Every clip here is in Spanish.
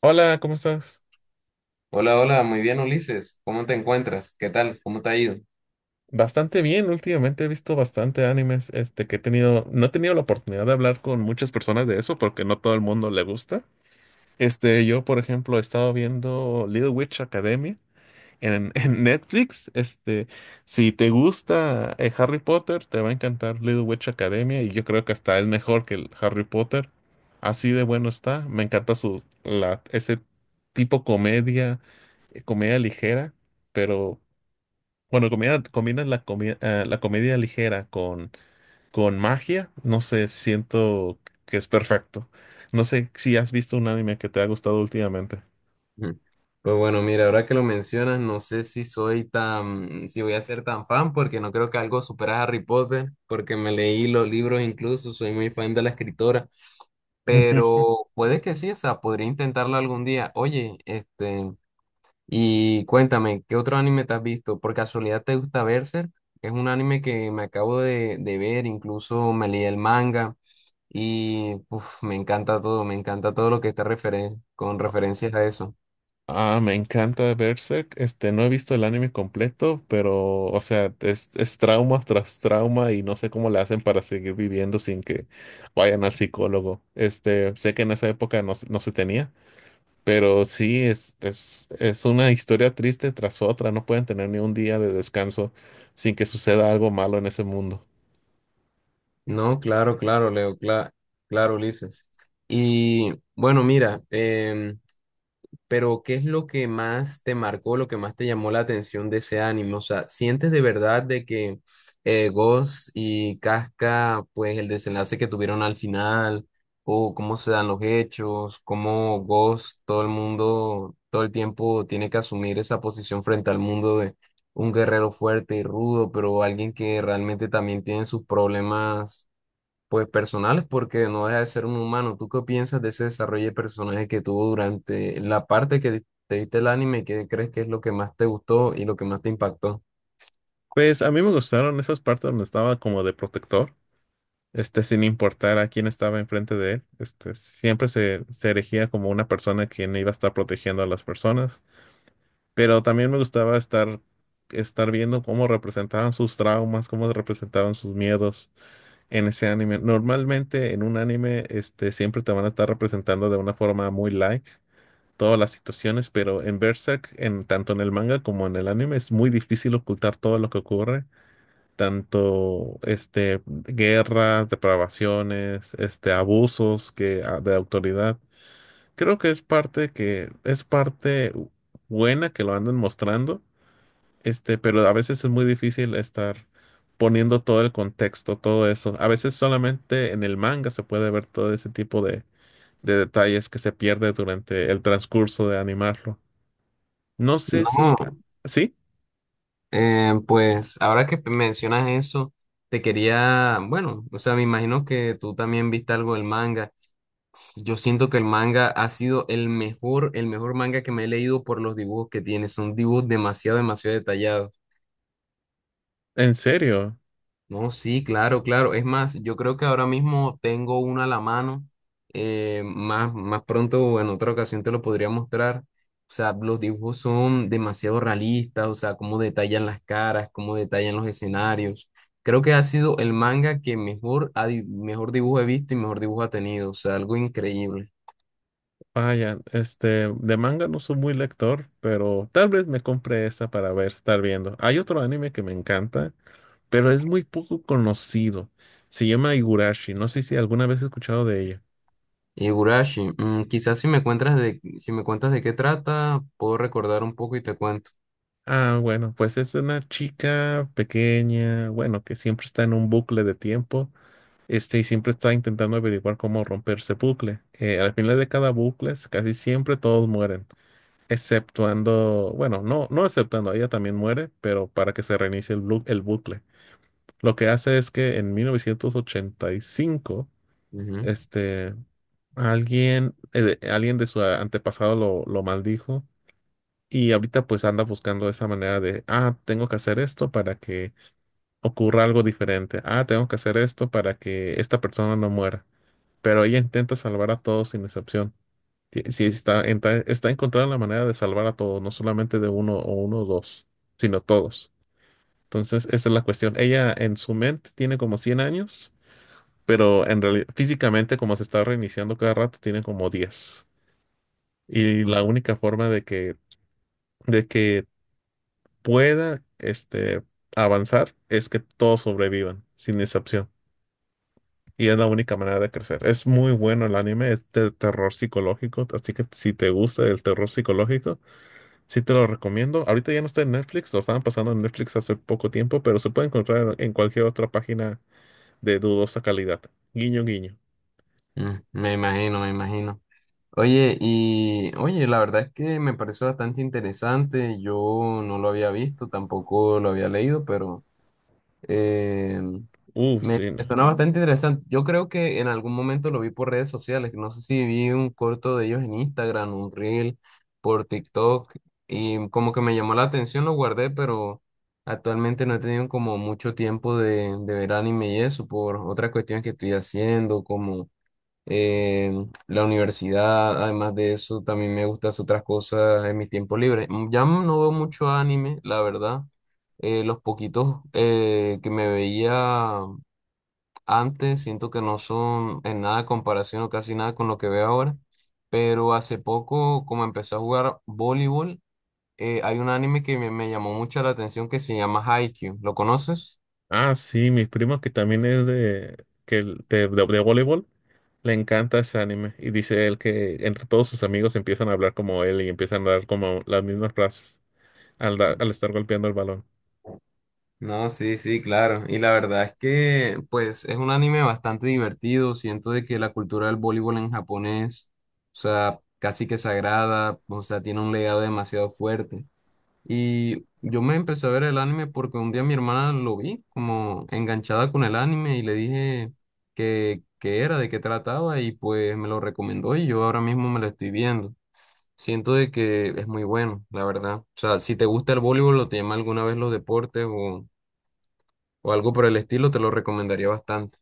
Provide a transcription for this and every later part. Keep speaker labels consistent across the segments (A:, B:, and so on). A: Hola, ¿cómo estás?
B: Hola, hola, muy bien, Ulises. ¿Cómo te encuentras? ¿Qué tal? ¿Cómo te ha ido?
A: Bastante bien, últimamente he visto bastante animes, no he tenido la oportunidad de hablar con muchas personas de eso porque no todo el mundo le gusta. Yo, por ejemplo, he estado viendo Little Witch Academia en, en Netflix. Si te gusta Harry Potter, te va a encantar Little Witch Academia y yo creo que hasta es mejor que el Harry Potter. Así de bueno está. Me encanta ese tipo comedia, comedia ligera, pero bueno, combinas la comedia ligera con magia, no sé, siento que es perfecto. No sé si has visto un anime que te ha gustado últimamente.
B: Ujú. Pues bueno, mira, ahora que lo mencionas, no sé si soy si voy a ser tan fan, porque no creo que algo supera a Harry Potter, porque me leí los libros incluso, soy muy fan de la escritora, pero puede que sí, o sea, podría intentarlo algún día. Oye, y cuéntame, ¿qué otro anime te has visto? ¿Por casualidad te gusta Berserk? Es un anime que me acabo de ver, incluso me leí el manga y uf, me encanta todo lo que está con referencias a eso.
A: Ah, me encanta Berserk. No he visto el anime completo, pero, o sea, es trauma tras trauma y no sé cómo le hacen para seguir viviendo sin que vayan al psicólogo. Sé que en esa época no, no se tenía. Pero sí, es una historia triste tras otra. No pueden tener ni un día de descanso sin que suceda algo malo en ese mundo.
B: No, claro, claro, Leo, claro, Ulises. Y bueno, mira, pero ¿qué es lo que más te marcó, lo que más te llamó la atención de ese anime? O sea, ¿sientes de verdad de que Ghost y Casca, pues el desenlace que tuvieron al final, o cómo se dan los hechos, cómo Ghost, todo el mundo, todo el tiempo tiene que asumir esa posición frente al mundo de un guerrero fuerte y rudo, pero alguien que realmente también tiene sus problemas pues personales, porque no deja de ser un humano. ¿Tú qué piensas de ese desarrollo de personaje que tuvo durante la parte que te viste el anime? ¿Qué crees que es lo que más te gustó y lo que más te impactó?
A: Pues a mí me gustaron esas partes donde estaba como de protector, sin importar a quién estaba enfrente de él. Siempre se erigía como una persona quien iba a estar protegiendo a las personas. Pero también me gustaba estar viendo cómo representaban sus traumas, cómo representaban sus miedos en ese anime. Normalmente en un anime, siempre te van a estar representando de una forma muy light todas las situaciones, pero en Berserk, en, tanto en el manga como en el anime, es muy difícil ocultar todo lo que ocurre, tanto guerras, depravaciones, abusos que, de autoridad. Creo que es parte buena que lo andan mostrando, pero a veces es muy difícil estar poniendo todo el contexto, todo eso. A veces solamente en el manga se puede ver todo ese tipo de detalles que se pierde durante el transcurso de animarlo. No sé si...
B: No,
A: ¿Sí?
B: pues ahora que mencionas eso, te quería, bueno, o sea, me imagino que tú también viste algo del manga. Yo siento que el manga ha sido el mejor manga que me he leído por los dibujos que tiene. Son dibujos demasiado, demasiado detallados.
A: ¿En serio?
B: No, sí, claro, claro. Es más, yo creo que ahora mismo tengo una a la mano. Más, más pronto, en otra ocasión, te lo podría mostrar. O sea, los dibujos son demasiado realistas, o sea, cómo detallan las caras, cómo detallan los escenarios. Creo que ha sido el manga que mejor, mejor dibujo he visto y mejor dibujo ha tenido. O sea, algo increíble.
A: Vaya, de manga no soy muy lector, pero tal vez me compre esa para ver, estar viendo. Hay otro anime que me encanta, pero es muy poco conocido. Se llama Higurashi. No sé si alguna vez he escuchado de ella.
B: Higurashi, mm, quizás si me cuentas de, si me cuentas de qué trata, puedo recordar un poco y te cuento.
A: Ah, bueno, pues es una chica pequeña, bueno, que siempre está en un bucle de tiempo, y siempre está intentando averiguar cómo romper ese bucle. Al final de cada bucle, casi siempre todos mueren, exceptuando, bueno, no, no exceptuando, ella también muere, pero para que se reinicie el bucle. Lo que hace es que en 1985,
B: Ujú.
A: este, alguien, alguien de su antepasado lo maldijo y ahorita pues anda buscando esa manera de, tengo que hacer esto para que ocurra algo diferente. Ah, tengo que hacer esto para que esta persona no muera. Pero ella intenta salvar a todos sin excepción. Sí, está encontrando la manera de salvar a todos, no solamente de uno o dos, sino todos. Entonces, esa es la cuestión. Ella en su mente tiene como 100 años, pero en realidad físicamente como se está reiniciando cada rato, tiene como 10. Y la única forma de que de que pueda avanzar es que todos sobrevivan, sin excepción. Y es la única manera de crecer. Es muy bueno el anime, es de terror psicológico, así que si te gusta el terror psicológico, sí te lo recomiendo. Ahorita ya no está en Netflix, lo estaban pasando en Netflix hace poco tiempo, pero se puede encontrar en cualquier otra página de dudosa calidad. Guiño, guiño.
B: Mm, me imagino, me imagino. Oye, y oye, la verdad es que me pareció bastante interesante. Yo no lo había visto, tampoco lo había leído, pero eh,
A: Uf, sí. No.
B: suena bastante interesante. Yo creo que en algún momento lo vi por redes sociales. No sé si vi un corto de ellos en Instagram, un reel por TikTok, y como que me llamó la atención, lo guardé, pero actualmente no he tenido como mucho tiempo de ver anime y eso por otras cuestiones que estoy haciendo, como eh, la universidad, además de eso, también me gustan otras cosas en mis tiempos libres. Mm, ya no veo mucho anime, la verdad. Los poquitos que me veía antes, siento que no son en nada comparación o casi nada con lo que veo ahora. Pero hace poco, como empecé a jugar voleibol, hay un anime que me llamó mucho la atención que se llama Haikyuu. ¿Lo conoces?
A: Ah, sí, mi primo que también es de, que, el- de voleibol. Le encanta ese anime y dice él que entre todos sus amigos empiezan a hablar como él y empiezan a dar como las mismas frases al estar golpeando el balón.
B: No, sí, sí, claro. Y la verdad es que, pues, es un anime bastante divertido. Siento de que la cultura del voleibol en Japón es, o sea, casi que sagrada, o sea, tiene un legado demasiado fuerte. Y yo me empecé a ver el anime porque un día mi hermana lo vi como enganchada con el anime y le dije que era, de qué trataba y pues me lo recomendó y yo ahora mismo me lo estoy viendo. Siento de que es muy bueno, la verdad. O sea, si te gusta el voleibol o te llama alguna vez los deportes o algo por el estilo, te lo recomendaría bastante.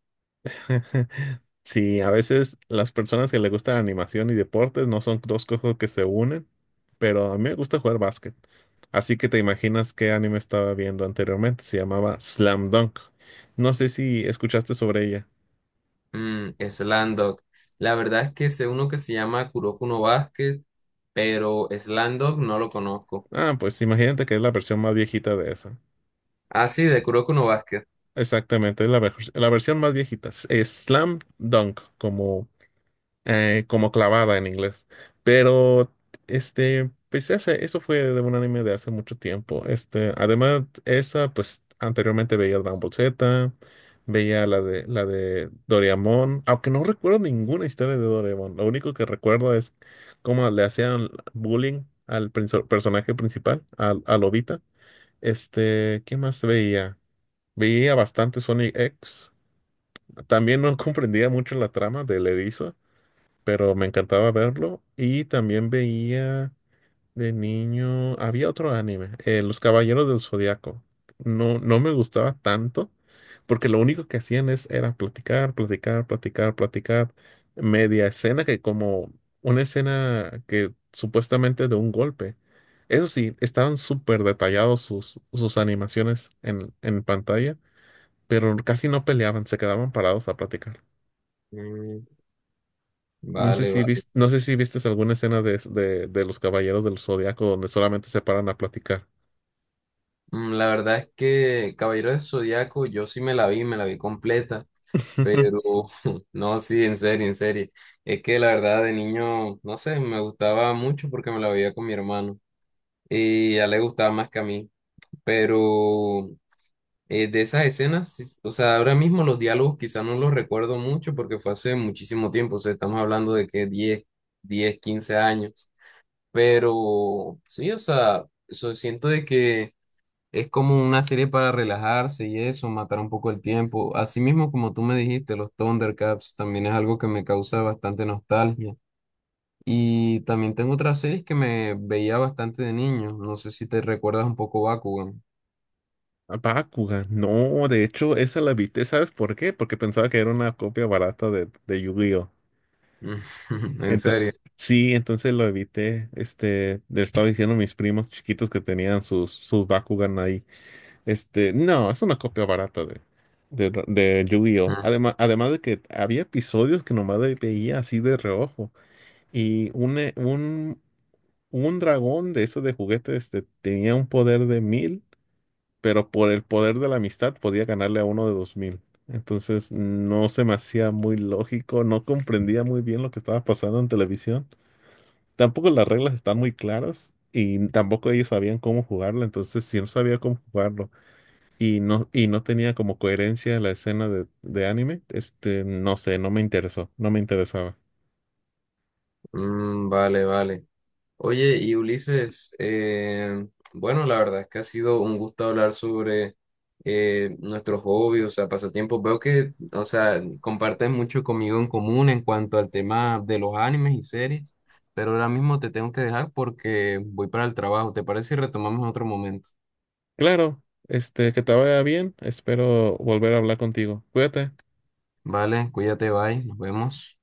A: Sí, a veces las personas que le gustan animación y deportes no son dos cosas que se unen, pero a mí me gusta jugar básquet. Así que te imaginas qué anime estaba viendo anteriormente. Se llamaba Slam Dunk. No sé si escuchaste sobre ella.
B: Mm, Slam la verdad es que sé uno que se llama Kuroko no Basket, pero Slam Dunk no lo conozco.
A: Ah, pues imagínate que es la versión más viejita de esa.
B: Ah, sí, de Kuroko no Basket.
A: Exactamente, es la versión más viejita. Es slam dunk, como, como clavada en inglés. Pero, pues eso fue de un anime de hace mucho tiempo. Además, pues anteriormente veía Dragon Ball Z, veía la de Doraemon, aunque no recuerdo ninguna historia de Doraemon. Lo único que recuerdo es cómo le hacían bullying personaje principal, a Lobita. ¿Qué más veía? Veía bastante Sonic X. También no comprendía mucho la trama del erizo, pero me encantaba verlo. Y también veía de niño, había otro anime, Los Caballeros del Zodiaco. No, no me gustaba tanto, porque lo único que hacían era platicar, platicar, platicar, platicar. Media escena que como una escena que supuestamente de un golpe. Eso sí, estaban súper detallados sus animaciones en pantalla, pero casi no peleaban, se quedaban parados a platicar.
B: Mm,
A: No sé
B: vale,
A: si
B: vale.
A: viste, no sé si vistes alguna escena de los Caballeros del Zodiaco donde solamente se paran a platicar.
B: Mm, la verdad es que Caballero del Zodiaco yo sí me la vi completa, pero no, sí, en serio, en serio. Es que la verdad de niño, no sé, me gustaba mucho porque me la veía con mi hermano y a él le gustaba más que a mí, pero de esas escenas, sí, o sea, ahora mismo los diálogos quizá no los recuerdo mucho porque fue hace muchísimo tiempo, o sea, estamos hablando de que 10, 10, 15 años, pero sí, o sea, eso siento de que es como una serie para relajarse y eso, matar un poco el tiempo. Así mismo como tú me dijiste, los Thundercats también es algo que me causa bastante nostalgia. Y también tengo otras series que me veía bastante de niño, no sé si te recuerdas un poco Bakugan,
A: A Bakugan, no, de hecho, esa la viste, ¿sabes por qué? Porque pensaba que era una copia barata de Yu-Gi-Oh!
B: en
A: Ento-
B: serio.
A: sí, entonces lo evité. Le estaba diciendo a mis primos chiquitos que tenían sus Bakugan ahí. No, es una copia barata de Yu-Gi-Oh! Además, además de que había episodios que nomás veía así de reojo. Y un dragón de esos de juguete tenía un poder de 1000, pero por el poder de la amistad podía ganarle a uno de 2000. Entonces no se me hacía muy lógico, no comprendía muy bien lo que estaba pasando en televisión. Tampoco las reglas están muy claras y tampoco ellos sabían cómo jugarla, entonces si no sabía cómo jugarlo y no tenía como coherencia la escena de anime, no sé, no me interesó, no me interesaba.
B: Mm, vale, vale. Oye, y Ulises, bueno, la verdad es que ha sido un gusto hablar sobre nuestros hobbies, o sea, pasatiempos. Veo que, o sea, compartes mucho conmigo en común en cuanto al tema de los animes y series, pero ahora mismo te tengo que dejar porque voy para el trabajo. ¿Te parece si retomamos en otro momento?
A: Claro, que te vaya bien, espero volver a hablar contigo. Cuídate.
B: Vale, cuídate, bye, nos vemos.